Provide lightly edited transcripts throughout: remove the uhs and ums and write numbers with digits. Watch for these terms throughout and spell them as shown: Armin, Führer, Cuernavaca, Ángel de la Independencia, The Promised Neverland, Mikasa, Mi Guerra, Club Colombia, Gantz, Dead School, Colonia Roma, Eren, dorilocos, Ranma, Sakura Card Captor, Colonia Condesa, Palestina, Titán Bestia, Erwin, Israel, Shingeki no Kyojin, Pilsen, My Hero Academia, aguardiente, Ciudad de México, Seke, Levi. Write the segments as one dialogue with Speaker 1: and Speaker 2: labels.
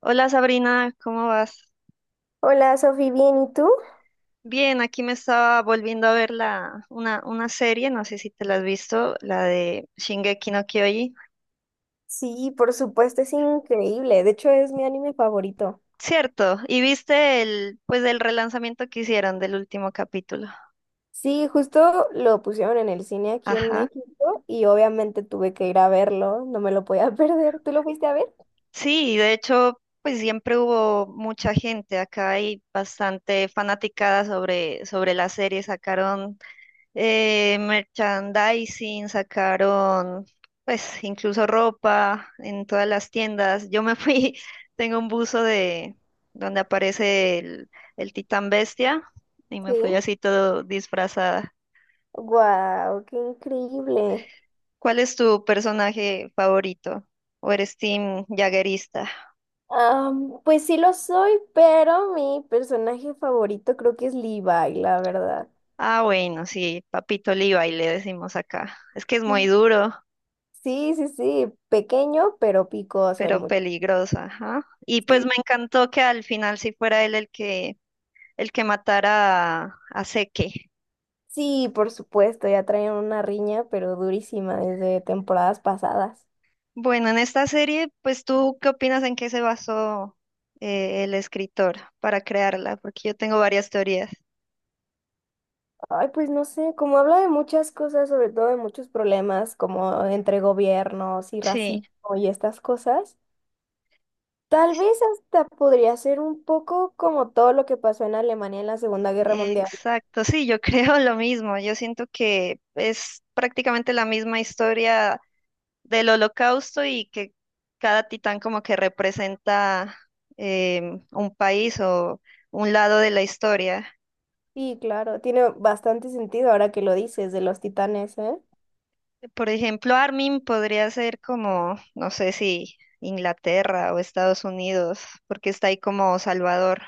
Speaker 1: Hola Sabrina, ¿cómo vas?
Speaker 2: Hola, Sofi, ¿bien? ¿Y tú?
Speaker 1: Bien, aquí me estaba volviendo a ver una serie, no sé si te la has visto, la de Shingeki no Kyojin.
Speaker 2: Sí, por supuesto, es increíble. De hecho, es mi anime favorito.
Speaker 1: Cierto, y viste pues el relanzamiento que hicieron del último capítulo.
Speaker 2: Sí, justo lo pusieron en el cine aquí en
Speaker 1: Ajá.
Speaker 2: México y obviamente tuve que ir a verlo, no me lo podía perder. ¿Tú lo fuiste a ver?
Speaker 1: Sí, de hecho, pues siempre hubo mucha gente, acá hay bastante fanaticada sobre la serie, sacaron merchandising, sacaron pues incluso ropa en todas las tiendas. Yo me fui, tengo un buzo de donde aparece el Titán Bestia y me
Speaker 2: Sí.
Speaker 1: fui así todo disfrazada.
Speaker 2: Wow, qué increíble.
Speaker 1: ¿Cuál es tu personaje favorito? ¿O eres team jaguerista?
Speaker 2: Pues sí lo soy, pero mi personaje favorito creo que es Levi, la verdad.
Speaker 1: Ah, bueno, sí, Papito Levi le decimos acá. Es que es muy
Speaker 2: Mm.
Speaker 1: duro,
Speaker 2: Sí, sí, sí, pequeño, pero picoso el
Speaker 1: pero
Speaker 2: muchacho.
Speaker 1: peligrosa, ajá. Y pues me encantó que al final sí fuera él el que matara a Seke.
Speaker 2: Sí, por supuesto, ya traen una riña, pero durísima desde temporadas pasadas.
Speaker 1: Bueno, en esta serie, pues tú, ¿qué opinas en qué se basó el escritor para crearla? Porque yo tengo varias teorías.
Speaker 2: Ay, pues no sé, como habla de muchas cosas, sobre todo de muchos problemas como entre gobiernos y
Speaker 1: Sí,
Speaker 2: racismo y estas cosas, tal vez hasta podría ser un poco como todo lo que pasó en Alemania en la Segunda Guerra Mundial.
Speaker 1: exacto, sí, yo creo lo mismo. Yo siento que es prácticamente la misma historia del Holocausto y que cada titán como que representa un país o un lado de la historia.
Speaker 2: Sí, claro, tiene bastante sentido ahora que lo dices de los titanes, ¿eh?
Speaker 1: Por ejemplo, Armin podría ser como, no sé si Inglaterra o Estados Unidos, porque está ahí como Salvador.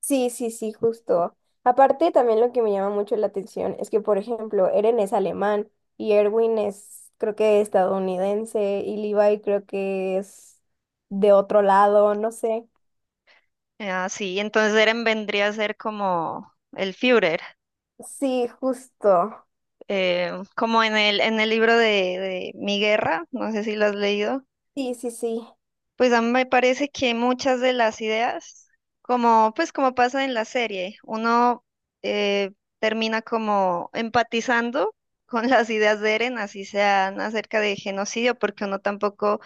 Speaker 2: Sí, sí, sí, justo. Aparte, también lo que me llama mucho la atención es que, por ejemplo, Eren es alemán y Erwin es, creo que estadounidense, y Levi creo que es de otro lado, no sé.
Speaker 1: Ah, sí, entonces Eren vendría a ser como el Führer,
Speaker 2: Sí, justo.
Speaker 1: como en en el libro de Mi Guerra, no sé si lo has leído.
Speaker 2: Sí, sí, sí.
Speaker 1: Pues a mí me parece que muchas de las ideas, como pues como pasa en la serie, uno eh, termina como empatizando con las ideas de Eren, así sean acerca de genocidio, porque uno tampoco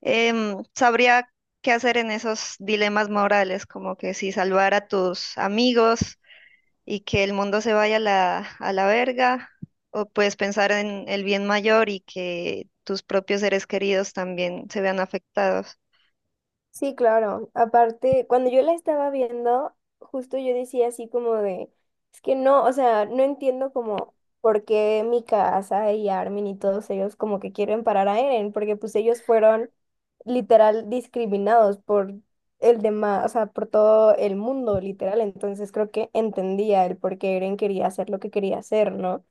Speaker 1: sabría qué hacer en esos dilemas morales, como que si salvar a tus amigos y que el mundo se vaya a a la verga, o puedes pensar en el bien mayor y que tus propios seres queridos también se vean afectados.
Speaker 2: Sí, claro. Aparte, cuando yo la estaba viendo, justo yo decía así como de, es que no, o sea, no entiendo como por qué Mikasa y Armin y todos ellos como que quieren parar a Eren, porque pues ellos fueron literal discriminados por el demás, o sea, por todo el mundo, literal. Entonces creo que entendía el por qué Eren quería hacer lo que quería hacer, ¿no?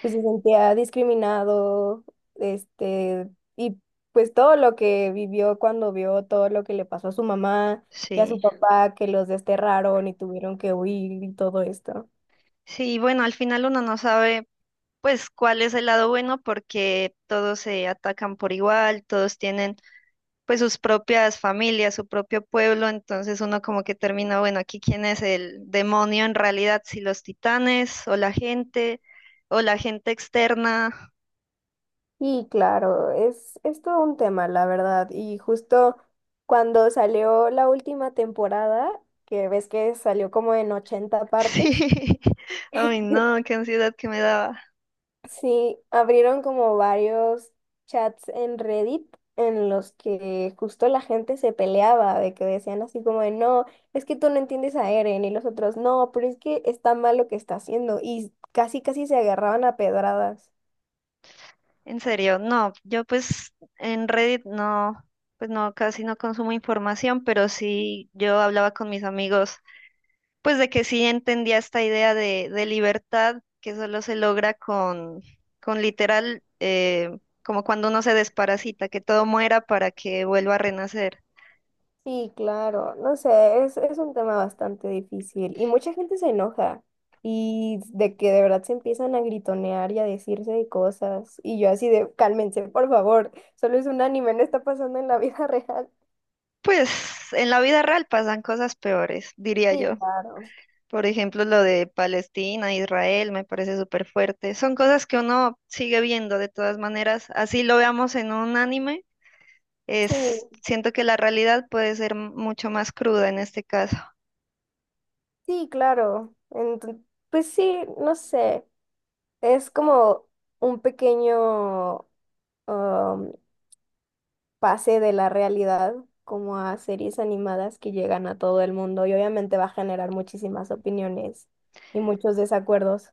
Speaker 2: Pues se sentía discriminado, este, y pues todo lo que vivió cuando vio todo lo que le pasó a su mamá y a
Speaker 1: Sí.
Speaker 2: su papá, que los desterraron y tuvieron que huir y todo esto.
Speaker 1: Sí, bueno, al final uno no sabe pues cuál es el lado bueno porque todos se atacan por igual, todos tienen pues sus propias familias, su propio pueblo, entonces uno como que termina, bueno, aquí quién es el demonio en realidad, si los titanes o la gente externa.
Speaker 2: Y claro, es todo un tema, la verdad. Y justo cuando salió la última temporada, que ves que salió como en 80 partes.
Speaker 1: Sí, ay no, qué ansiedad que me daba.
Speaker 2: Sí, abrieron como varios chats en Reddit en los que justo la gente se peleaba de que decían así como de no, es que tú no entiendes a Eren y los otros no, pero es que está mal lo que está haciendo y casi casi se agarraban a pedradas.
Speaker 1: En serio, no, yo pues en Reddit no, pues no, casi no consumo información, pero sí yo hablaba con mis amigos pues de que sí entendía esta idea de libertad que solo se logra con literal, como cuando uno se desparasita, que todo muera para que vuelva a renacer.
Speaker 2: Sí, claro, no sé, es un tema bastante difícil y mucha gente se enoja y de que de verdad se empiezan a gritonear y a decirse de cosas y yo así de cálmense, por favor, solo es un anime, no está pasando en la vida real.
Speaker 1: Pues en la vida real pasan cosas peores, diría
Speaker 2: Sí,
Speaker 1: yo.
Speaker 2: claro.
Speaker 1: Por ejemplo, lo de Palestina, Israel, me parece súper fuerte. Son cosas que uno sigue viendo de todas maneras. Así lo veamos en un anime,
Speaker 2: Sí,
Speaker 1: es, siento que la realidad puede ser mucho más cruda en este caso.
Speaker 2: sí, claro. Pues sí, no sé. Es como un pequeño um, pase de la realidad, como a series animadas que llegan a todo el mundo y obviamente va a generar muchísimas opiniones y muchos desacuerdos.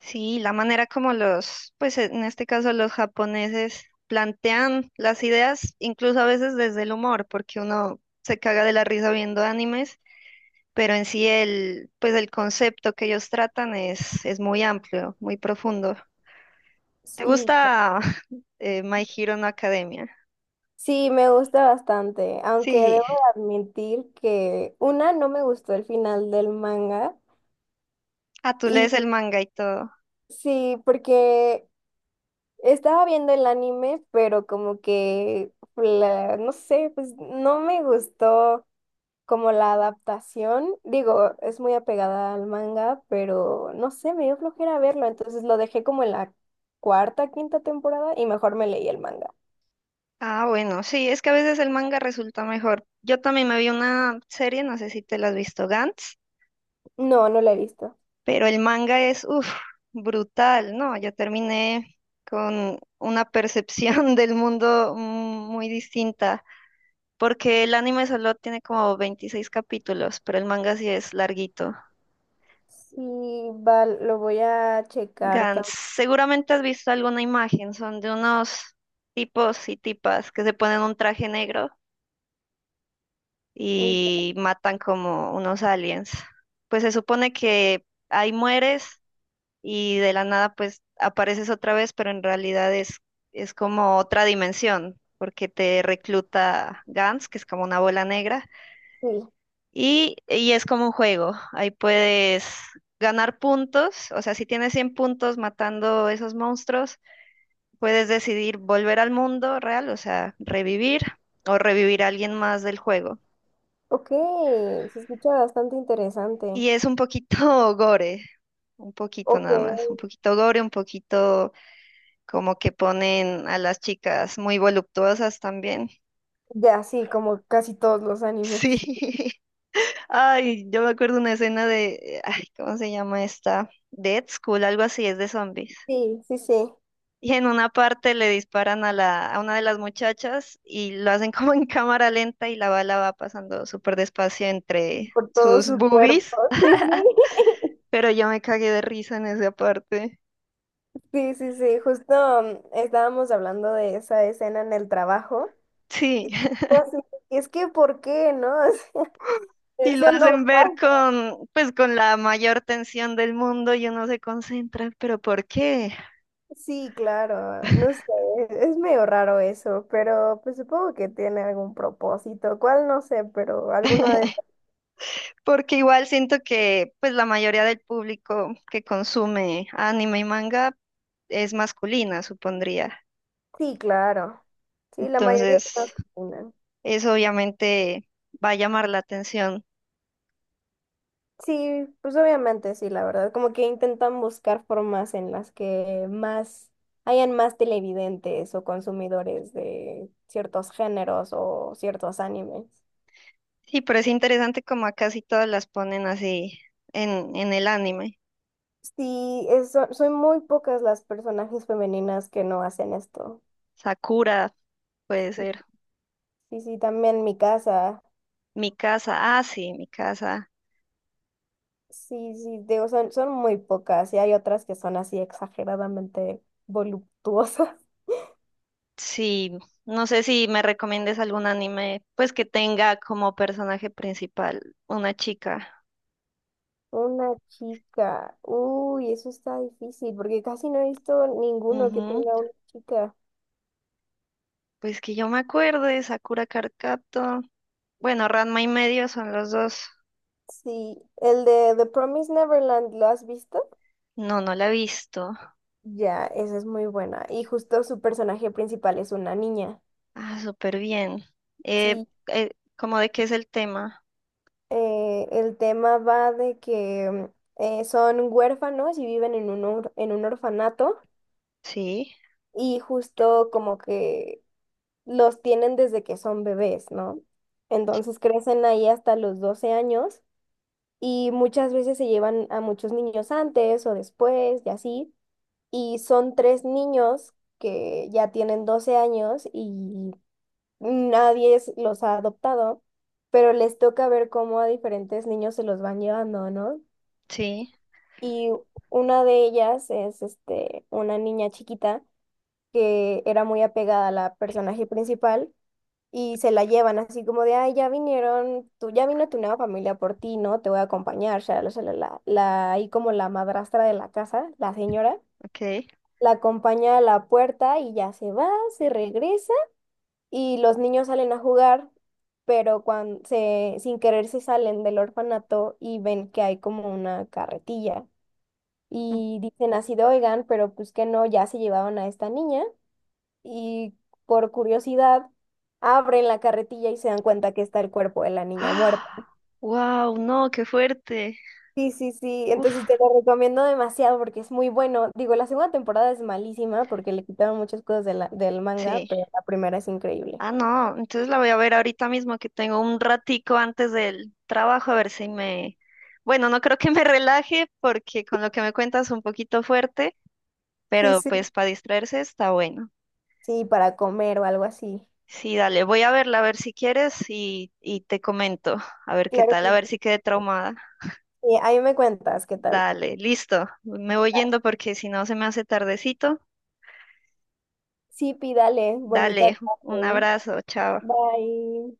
Speaker 1: Sí, la manera como los, pues en este caso los japoneses plantean las ideas, incluso a veces desde el humor, porque uno se caga de la risa viendo animes, pero en sí pues el concepto que ellos tratan es muy amplio, muy profundo. ¿Te
Speaker 2: Sí,
Speaker 1: gusta My Hero no Academia?
Speaker 2: sí, me gusta bastante, aunque
Speaker 1: Sí,
Speaker 2: debo de admitir que una, no me gustó el final del manga,
Speaker 1: ah, tú
Speaker 2: y
Speaker 1: lees el manga y todo.
Speaker 2: sí, porque estaba viendo el anime, pero como que, no sé, pues no me gustó como la adaptación. Digo, es muy apegada al manga, pero no sé, me dio flojera verlo, entonces lo dejé como en la cuarta, quinta temporada y mejor me leí el manga.
Speaker 1: Ah, bueno, sí, es que a veces el manga resulta mejor. Yo también me vi una serie, no sé si te la has visto, Gantz.
Speaker 2: No, no lo he visto.
Speaker 1: Pero el manga es, uff, brutal, ¿no? Yo terminé con una percepción del mundo muy distinta, porque el anime solo tiene como 26 capítulos, pero el manga sí es larguito.
Speaker 2: Sí, va, lo voy a checar
Speaker 1: Gans, seguramente has visto alguna imagen, son de unos tipos y tipas que se ponen un traje negro
Speaker 2: también.
Speaker 1: y matan como unos aliens. Pues se supone que ahí mueres y de la nada pues apareces otra vez, pero en realidad es como otra dimensión, porque te recluta Gans, que es como una bola negra,
Speaker 2: Sí.
Speaker 1: y es como un juego, ahí puedes ganar puntos, o sea, si tienes 100 puntos matando esos monstruos, puedes decidir volver al mundo real, o sea, revivir o revivir a alguien más del juego.
Speaker 2: Ok, se escucha bastante interesante.
Speaker 1: Y es un poquito gore, un poquito
Speaker 2: Ok,
Speaker 1: nada más, un poquito gore, un poquito como que ponen a las chicas muy voluptuosas también.
Speaker 2: ya sí, como casi todos los animes.
Speaker 1: Sí. Ay, yo me acuerdo una escena de, ay, ¿cómo se llama esta? Dead School, algo así, es de zombies.
Speaker 2: Sí, sí, sí.
Speaker 1: Y en una parte le disparan a la, a una de las muchachas y lo hacen como en cámara lenta y la bala va pasando súper despacio entre
Speaker 2: Por todo
Speaker 1: sus
Speaker 2: su cuerpo.
Speaker 1: boobies,
Speaker 2: Sí, sí.
Speaker 1: pero yo me cagué de risa en esa parte.
Speaker 2: Sí, sí, sí. Justo estábamos hablando de esa escena en el trabajo.
Speaker 1: Sí.
Speaker 2: Pues sí, es que, ¿por qué, no? O sea,
Speaker 1: Y lo
Speaker 2: eso no
Speaker 1: hacen ver
Speaker 2: pasa.
Speaker 1: con, pues, con la mayor tensión del mundo y uno se concentra, pero ¿por qué?
Speaker 2: Sí, claro. No sé. Es medio raro eso, pero pues supongo que tiene algún propósito. ¿Cuál? No sé, pero alguno de...
Speaker 1: Porque igual siento que pues la mayoría del público que consume anime y manga es masculina, supondría.
Speaker 2: Sí, claro. Sí, la mayoría de las.
Speaker 1: Entonces, eso obviamente va a llamar la atención.
Speaker 2: Sí, pues obviamente sí, la verdad. Como que intentan buscar formas en las que más hayan más televidentes o consumidores de ciertos géneros o ciertos animes.
Speaker 1: Sí, pero es interesante como a casi todas las ponen así en el anime.
Speaker 2: Sí, son muy pocas las personajes femeninas que no hacen esto.
Speaker 1: Sakura puede
Speaker 2: Sí,
Speaker 1: ser.
Speaker 2: sí, sí, también mi casa.
Speaker 1: Mi casa, ah, sí, mi casa.
Speaker 2: Sí, sí, digo, son, son muy pocas y hay otras que son así exageradamente voluptuosas.
Speaker 1: Sí, no sé si me recomiendes algún anime pues que tenga como personaje principal una chica.
Speaker 2: Una chica. Uy, eso está difícil porque casi no he visto ninguno que tenga una chica.
Speaker 1: Pues que yo me acuerdo Sakura Card Captor. Bueno, Ranma y medio son los dos.
Speaker 2: Sí, el de The Promised Neverland, ¿lo has visto?
Speaker 1: No, no la he visto.
Speaker 2: Ya, esa es muy buena. Y justo su personaje principal es una niña.
Speaker 1: Ah, súper bien. Eh,
Speaker 2: Sí,
Speaker 1: eh, ¿Cómo de qué es el tema?
Speaker 2: el tema va de que son huérfanos y viven en un, en un orfanato
Speaker 1: Sí,
Speaker 2: y justo como que los tienen desde que son bebés, ¿no? Entonces crecen ahí hasta los 12 años y muchas veces se llevan a muchos niños antes o después y así. Y son tres niños que ya tienen 12 años y nadie los ha adoptado, pero les toca ver cómo a diferentes niños se los van llevando, ¿no?
Speaker 1: sí,
Speaker 2: Y una de ellas es este, una niña chiquita que era muy apegada a la personaje principal y se la llevan así como de, ay, ya vinieron, tú, ya vino tu nueva familia por ti, ¿no? Te voy a acompañar, shalala, shalala. La, ahí como la madrastra de la casa, la señora,
Speaker 1: ok.
Speaker 2: la acompaña a la puerta y ya se va, se regresa y los niños salen a jugar, pero cuando se, sin querer se salen del orfanato y ven que hay como una carretilla.
Speaker 1: Mm.
Speaker 2: Y dicen así de, oigan, pero pues que no, ya se llevaron a esta niña, y por curiosidad abren la carretilla y se dan cuenta que está el cuerpo de la niña muerta.
Speaker 1: ¡Ah! ¡Wow! No, qué fuerte.
Speaker 2: Sí, sí, sí, entonces
Speaker 1: Uf,
Speaker 2: te lo recomiendo demasiado porque es muy bueno. Digo, la segunda temporada es malísima porque le quitaron muchas cosas de la- del manga,
Speaker 1: sí.
Speaker 2: pero la primera es increíble.
Speaker 1: Ah, no, entonces la voy a ver ahorita mismo que tengo un ratico antes del trabajo a ver si me... Bueno, no creo que me relaje porque con lo que me cuentas un poquito fuerte,
Speaker 2: Sí,
Speaker 1: pero
Speaker 2: sí.
Speaker 1: pues para distraerse está bueno.
Speaker 2: Sí, para comer o algo así.
Speaker 1: Sí, dale, voy a verla, a ver si quieres y te comento, a ver qué
Speaker 2: Claro
Speaker 1: tal,
Speaker 2: que
Speaker 1: a
Speaker 2: sí.
Speaker 1: ver si quedé traumada.
Speaker 2: Sí, ahí me cuentas qué tal.
Speaker 1: Dale, listo, me voy yendo porque si no se me hace tardecito.
Speaker 2: Sí, pídale, bonita
Speaker 1: Dale, un
Speaker 2: tarde.
Speaker 1: abrazo, chao.
Speaker 2: Bye.